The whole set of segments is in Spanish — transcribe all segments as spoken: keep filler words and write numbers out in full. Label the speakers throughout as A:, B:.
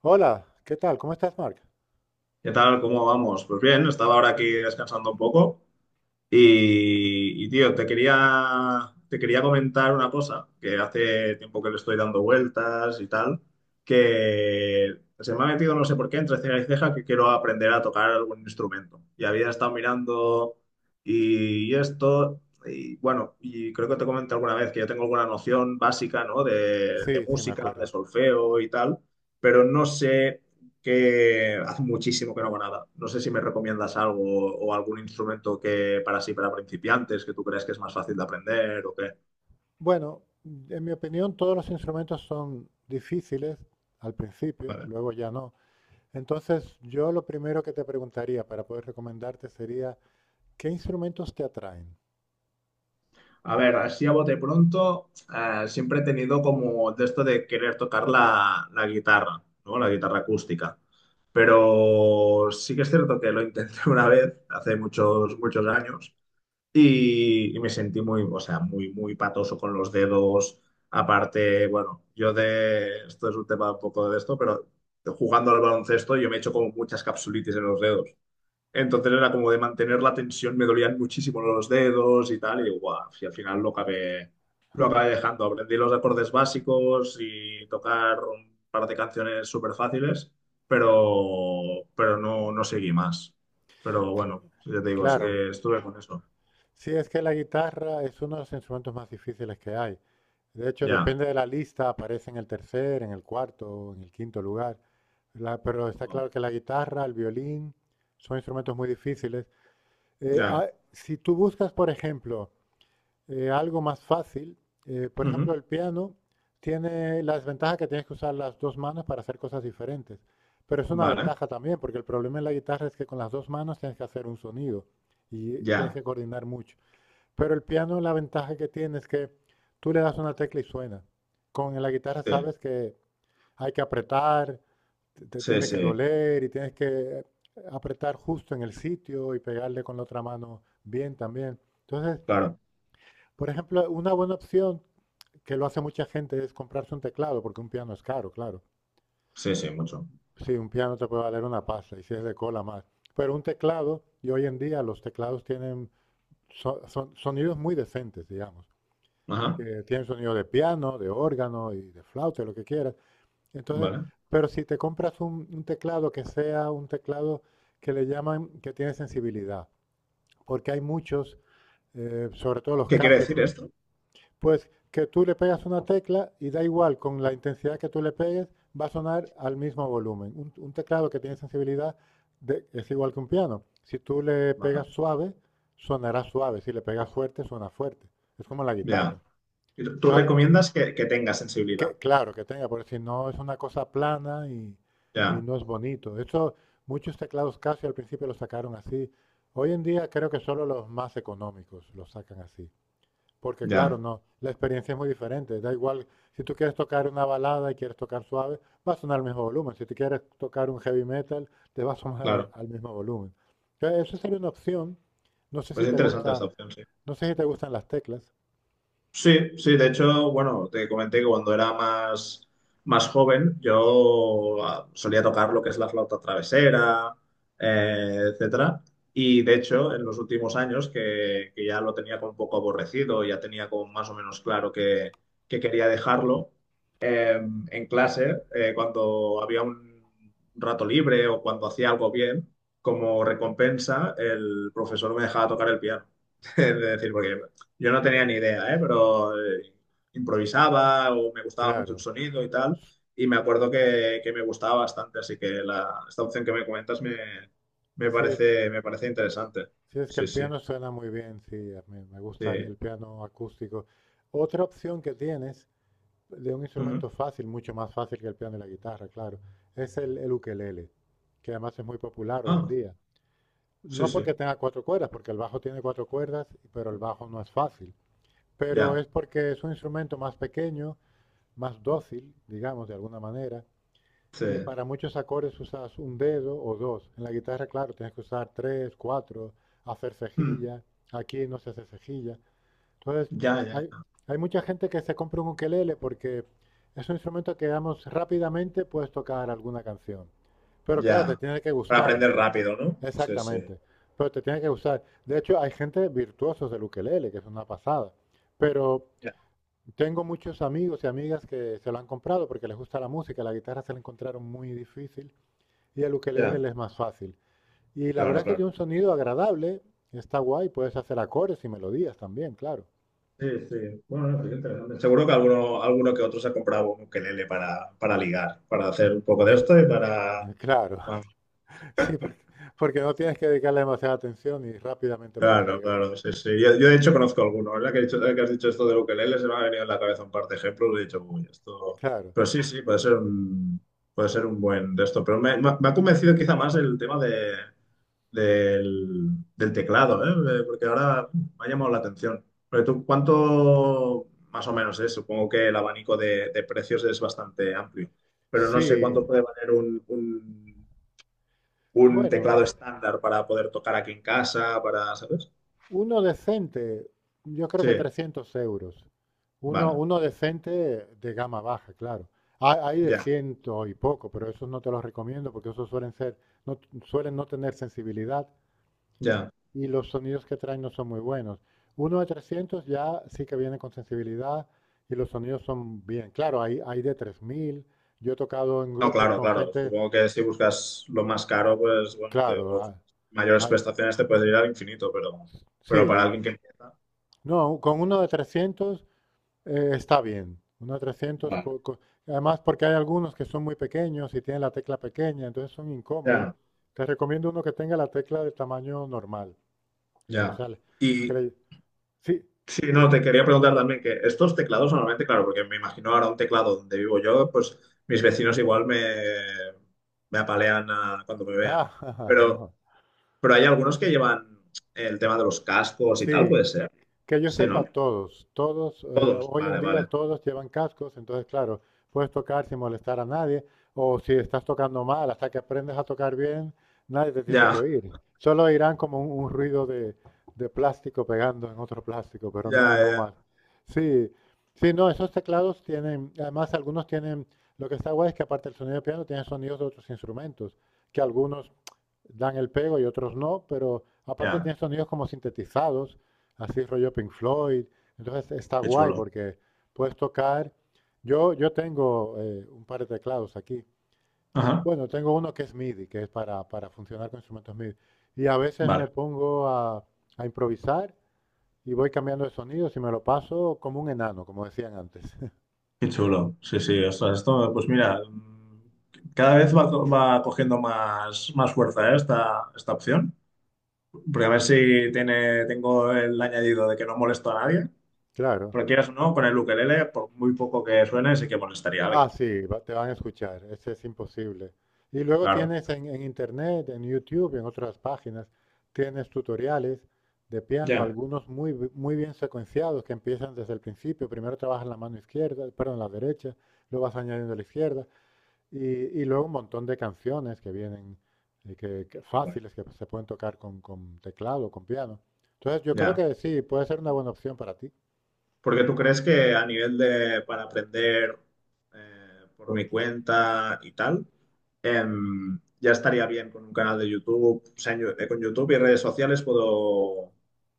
A: Hola, ¿qué tal? ¿Cómo estás, Mark?
B: ¿Qué tal? ¿Cómo vamos? Pues bien, estaba ahora aquí descansando un poco y, y, tío, te quería, te quería comentar una cosa que hace tiempo que le estoy dando vueltas y tal, que se me ha metido no sé por qué entre ceja y ceja que quiero aprender a tocar algún instrumento. Y había estado mirando y esto, y bueno, y creo que te comenté alguna vez que yo tengo alguna noción básica, ¿no? De, de
A: Sí, sí, me
B: música, de
A: acuerdo.
B: solfeo y tal, pero no sé que hace muchísimo que no hago nada. No sé si me recomiendas algo o algún instrumento que para sí, para principiantes, que tú crees que es más fácil de aprender o qué.
A: Bueno, en mi opinión, todos los instrumentos son difíciles al principio,
B: Vale.
A: luego ya no. Entonces, yo lo primero que te preguntaría para poder recomendarte sería, ¿qué instrumentos te atraen?
B: A ver, así a bote pronto, eh, siempre he tenido como de esto de querer tocar la, la guitarra, ¿no? La guitarra acústica. Pero sí que es cierto que lo intenté una vez, hace muchos, muchos años, y, y me sentí muy, o sea, muy, muy patoso con los dedos. Aparte, bueno, yo de, esto es un tema un poco de esto, pero jugando al baloncesto yo me he hecho como muchas capsulitis en los dedos. Entonces era como de mantener la tensión, me dolían muchísimo los dedos y tal, y guau, y al final lo acabé, lo acabé dejando. Aprendí los acordes básicos y tocar un par de canciones súper fáciles, pero, pero no, no seguí más. Pero bueno, ya te digo, así
A: Claro,
B: que estuve con eso.
A: sí, es que la guitarra es uno de los instrumentos más difíciles que hay. De hecho,
B: Ya.
A: depende de la lista, aparece en el tercer, en el cuarto, en el quinto lugar. La- pero está
B: Wow.
A: claro que la guitarra, el violín, son instrumentos muy difíciles. Eh,
B: Ya.
A: ah, si tú buscas, por ejemplo, eh, algo más fácil, eh, por ejemplo,
B: Ujú.
A: el piano tiene la desventaja que tienes que usar las dos manos para hacer cosas diferentes. Pero es una
B: Vale.
A: ventaja también, porque el problema en la guitarra es que con las dos manos tienes que hacer un sonido y, y tienes
B: Ya.
A: que coordinar mucho. Pero el piano, la ventaja que tiene es que tú le das una tecla y suena. Con la guitarra
B: Sí.
A: sabes que hay que apretar, te, te
B: Sí,
A: tiene que
B: sí.
A: doler y tienes que apretar justo en el sitio y pegarle con la otra mano bien también. Entonces,
B: Claro.
A: por ejemplo, una buena opción que lo hace mucha gente es comprarse un teclado, porque un piano es caro, claro.
B: Sí, sí, mucho.
A: Sí, un piano te puede valer una pasta y si es de cola más. Pero un teclado, y hoy en día los teclados tienen so- son- sonidos muy decentes, digamos.
B: Ajá.
A: Que tienen sonido de piano, de órgano y de flauta, lo que quieras. Entonces,
B: Vale.
A: pero si te compras un, un teclado que sea un teclado que le llaman que tiene sensibilidad, porque hay muchos, eh, sobre todo los
B: ¿Qué quiere
A: Casio,
B: decir esto?
A: pues que tú le pegas una tecla y da igual con la intensidad que tú le pegues, va a sonar al mismo volumen. Un, un teclado que tiene sensibilidad de- es igual que un piano. Si tú le pegas
B: Vale.
A: suave, sonará suave. Si le pegas fuerte, suena fuerte. Es como la guitarra.
B: Ya. Y Tú tú
A: Entonces,
B: recomiendas que, que tenga sensibilidad.
A: que, claro, que tenga, porque si no es una cosa plana y, y
B: Ya.
A: no es bonito. De hecho, muchos teclados Casio al principio los sacaron así. Hoy en día creo que solo los más económicos los sacan así. Porque claro,
B: Ya.
A: no, la experiencia es muy diferente. Da igual, si tú quieres tocar una balada y quieres tocar suave, va a sonar al mismo volumen. Si tú quieres tocar un heavy metal, te va a sonar al,
B: Claro.
A: al mismo volumen. Entonces, eso sería una opción. No sé si
B: Pues es
A: te
B: interesante esta
A: gusta,
B: opción, sí.
A: no sé si te gustan las teclas.
B: Sí, sí, de hecho, bueno, te comenté que cuando era más, más joven yo ah, solía tocar lo que es la flauta travesera, eh, etcétera. Y de hecho, en los últimos años que, que ya lo tenía como un poco aborrecido, ya tenía como más o menos claro que, que quería dejarlo, eh, en clase, eh, cuando había un rato libre o cuando hacía algo bien, como recompensa, el profesor me dejaba tocar el piano. Es decir, porque yo no tenía ni idea, ¿eh? Pero eh, improvisaba o me gustaba mucho el
A: Claro,
B: sonido y tal. Y me acuerdo que, que me gustaba bastante, así que la, esta opción que me comentas me, me
A: sí,
B: parece, me parece interesante.
A: sí, es que
B: Sí,
A: el
B: sí,
A: piano suena muy bien, sí, a mí me
B: sí.
A: gusta el, el piano acústico. Otra opción que tienes de un
B: Ujú.
A: instrumento fácil, mucho más fácil que el piano y la guitarra, claro, es el, el ukelele, que además es muy popular hoy en
B: Ah,
A: día.
B: sí,
A: No
B: sí,
A: porque tenga cuatro cuerdas, porque el bajo tiene cuatro cuerdas, pero el bajo no es fácil. Pero
B: ya,
A: es porque es un instrumento más pequeño, más dócil, digamos, de alguna manera,
B: sí.
A: y para muchos acordes usas un dedo o dos. En la guitarra, claro, tienes que usar tres, cuatro, hacer
B: Mm,
A: cejilla. Aquí no se hace cejilla. Entonces,
B: ya, ya,
A: hay,
B: ya.
A: hay mucha gente que se compra un ukelele porque es un instrumento que, digamos, rápidamente puedes tocar alguna canción. Pero claro, te
B: Ya.
A: tiene que
B: Para
A: gustar el
B: aprender
A: son.
B: rápido, ¿no? Sí, sí.
A: Exactamente. Pero te tiene que gustar. De hecho, hay gente virtuosos del ukelele, que es una pasada. Pero
B: Ya,
A: tengo muchos amigos y amigas que se lo han comprado porque les gusta la música, la guitarra se la encontraron muy difícil y el ukelele
B: ya.
A: le es más fácil. Y la verdad
B: Claro,
A: es que
B: claro.
A: tiene un sonido agradable, está guay, puedes hacer acordes y melodías también, claro.
B: Sí, sí. Bueno, no, pues qué interesante. Seguro que alguno, alguno que otro se ha comprado un ukelele para, para ligar, para hacer un poco de
A: Eh,
B: esto y para...
A: claro,
B: para-
A: sí, porque, porque no tienes que dedicarle demasiada atención y rápidamente puedes
B: Claro,
A: ligar.
B: claro, sí, sí. Yo, yo, de hecho conozco alguno, ¿verdad? Que, he dicho- que has dicho esto del ukelele, se me ha venido en la cabeza un par de ejemplos y he dicho, uy, esto...
A: Claro,
B: Pero sí, sí, puede ser un, puede ser un buen de esto. Pero me, me ha me ha convencido quizá más el tema de... del, del teclado, ¿eh? Eh, Porque ahora me ha llamado la atención. Pero tú, ¿cuánto más o menos es? Supongo que el abanico de, de precios es bastante amplio, pero no sé
A: sí.
B: cuánto puede valer un, un, un
A: Bueno,
B: teclado estándar para poder tocar aquí en casa, para, ¿sabes?
A: uno decente, yo creo
B: Sí,
A: que trescientos euros. Uno,
B: vale,
A: uno decente de gama baja, claro. Ha- Hay de
B: ya,
A: ciento y poco, pero esos no te los recomiendo porque esos suelen ser, no, suelen no tener sensibilidad
B: ya.
A: y los sonidos que traen no son muy buenos. Uno de trescientos ya sí que viene con sensibilidad y los sonidos son bien. Claro, hay, hay de tres mil. Yo he tocado en
B: No,
A: grupos
B: claro,
A: con
B: claro.
A: gente,
B: Supongo que si buscas lo más caro, pues bueno, te-
A: claro,
B: o
A: a-
B: mayores
A: a-
B: prestaciones te puedes ir al infinito, pero, pero para
A: sí,
B: alguien que empieza,
A: no, con uno de trescientos. Eh, está bien, unos trescientos.
B: vale,
A: co- Además, porque hay algunos que son muy pequeños y tienen la tecla pequeña, entonces son incómodos.
B: ya,
A: Te recomiendo uno que tenga la tecla de tamaño normal. Que, o
B: ya.
A: sea, le- que
B: Y,
A: le- sí,
B: sí, no, te quería preguntar también que estos teclados normalmente, claro, porque me imagino ahora un teclado donde vivo yo, pues mis vecinos igual me, me apalean ah, cuando me vean.
A: ah,
B: Pero,
A: no,
B: pero hay algunos que llevan el tema de los cascos y tal,
A: sí,
B: puede ser.
A: que yo
B: Sí,
A: sepa,
B: ¿no?
A: todos, todos, eh,
B: Todos.
A: hoy en
B: Vale,
A: día
B: vale.
A: todos llevan cascos, entonces claro, puedes tocar sin molestar a nadie, o si estás tocando mal, hasta que aprendes a tocar bien, nadie te tiene que
B: Ya,
A: oír. Solo oirán como un, un ruido de, de plástico pegando en otro plástico, pero
B: ya,
A: no, no
B: ya.
A: más. Sí, sí, no, esos teclados tienen, además algunos tienen, lo que está guay es que aparte del sonido de piano, tienen sonidos de otros instrumentos, que algunos dan el pego y otros no, pero aparte
B: Ya,
A: tienen sonidos como sintetizados así rollo Pink Floyd. Entonces está
B: qué
A: guay
B: chulo.
A: porque puedes tocar. Yo, yo tengo eh, un par de teclados aquí. Y,
B: Ajá,
A: bueno, tengo uno que es M I D I, que es para, para funcionar con instrumentos M I D I. Y a veces me
B: vale,
A: pongo a, a improvisar y voy cambiando de sonidos y me lo paso como un enano, como decían antes.
B: qué chulo. Sí, sí, ostras, esto, pues mira, mm, cada vez va, co- va cogiendo más, más fuerza, ¿eh? esta, esta opción. Porque a ver si tiene, tengo el añadido de que no molesto a nadie.
A: Claro.
B: Porque quieras o no, con el ukelele, por muy poco que suene, sí que molestaría a
A: Ah,
B: alguien.
A: sí, va- te van a escuchar, ese es imposible. Y luego
B: Claro,
A: tienes en, en internet, en YouTube, en otras páginas, tienes tutoriales de piano,
B: ya.
A: algunos muy, bi- muy bien secuenciados que empiezan desde el principio. Primero trabajas la mano izquierda, perdón, la derecha, luego vas añadiendo la izquierda y, y luego un montón de canciones que vienen eh, que, que
B: Qué guay.
A: fáciles que se pueden tocar con, con teclado, con piano. Entonces yo creo
B: Ya.
A: que sí, puede ser una buena opción para ti.
B: Porque tú crees que a nivel de para aprender eh, por mi cuenta y tal, em, ya estaría bien con un canal de YouTube. O sea, en Yo- eh, con YouTube y redes sociales puedo,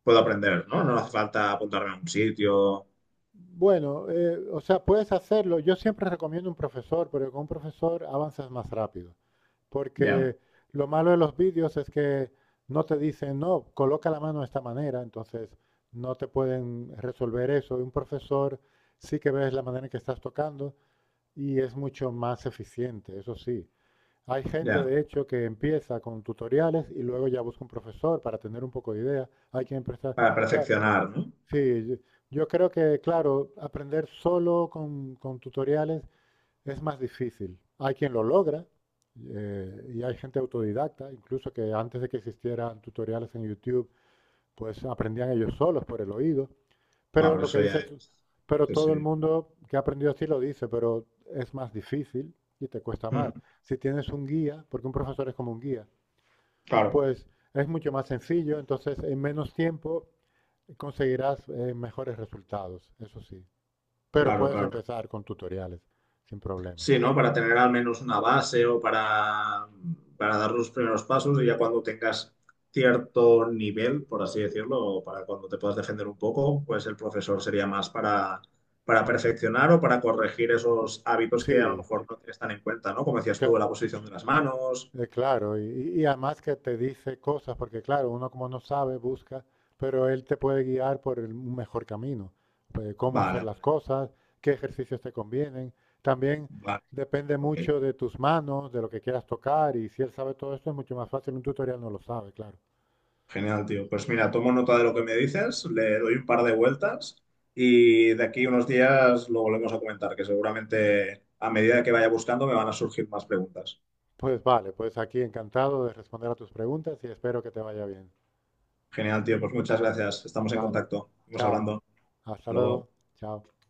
B: puedo aprender, ¿no? No hace falta apuntarme a un sitio.
A: Bueno, eh, o sea, puedes hacerlo. Yo siempre recomiendo un profesor, porque con un profesor avanzas más rápido.
B: Ya,
A: Porque lo malo de los vídeos es que no te dicen, no, coloca la mano de esta manera, entonces no te pueden resolver eso. Y un profesor sí que ves la manera en que estás tocando y es mucho más eficiente, eso sí. Hay gente,
B: ya.
A: de hecho, que empieza con tutoriales y luego ya busca un profesor para tener un poco de idea. Hay quien prestar.
B: Para
A: O sea,
B: perfeccionar, ¿no?
A: sí, yo, yo creo que, claro, aprender solo con, con tutoriales es más difícil. Hay quien lo logra eh, y hay gente autodidacta, incluso que antes de que existieran tutoriales en YouTube, pues aprendían ellos solos por el oído.
B: Bueno,
A: Pero
B: pero
A: lo que
B: eso
A: dice,
B: ya es.
A: tú- pero
B: Sí,
A: todo el
B: sí.
A: mundo que ha aprendido así lo dice, pero es más difícil y te cuesta
B: Mm,
A: más. Si tienes un guía, porque un profesor es como un guía,
B: claro,
A: pues es mucho más sencillo, entonces en menos tiempo conseguirás eh, mejores resultados, eso sí. Pero
B: claro,
A: puedes
B: claro.
A: empezar con tutoriales sin problemas.
B: Sí, ¿no? Para tener al menos una base o para, para dar los primeros pasos y ya cuando tengas cierto nivel, por así decirlo, o para cuando te puedas defender un poco, pues el profesor sería más para, para perfeccionar o para corregir esos hábitos que a lo
A: Sí,
B: mejor no están en cuenta, ¿no? Como decías
A: cla-
B: tú, la posición de las manos.
A: eh, claro. Y, y además que te dice cosas, porque claro, uno como no sabe, busca, pero él te puede guiar por el un mejor camino. Eh, cómo hacer
B: Vale,
A: las
B: vale,
A: cosas, qué ejercicios te convienen. También
B: vale.
A: depende
B: Ok.
A: mucho de tus manos, de lo que quieras tocar. Y si él sabe todo esto, es mucho más fácil. Un tutorial no lo sabe, claro.
B: Genial, tío. Pues mira, tomo nota de lo que me dices, le doy un par de vueltas y de aquí unos días lo volvemos a comentar, que seguramente a medida que vaya buscando me van a surgir más preguntas.
A: Pues vale, pues aquí encantado de responder a tus preguntas y espero que te vaya bien.
B: Genial, tío. Pues muchas gracias. Estamos en
A: Vale.
B: contacto. Vamos
A: Chao.
B: hablando.
A: Hasta
B: Hasta luego.
A: luego. Chao.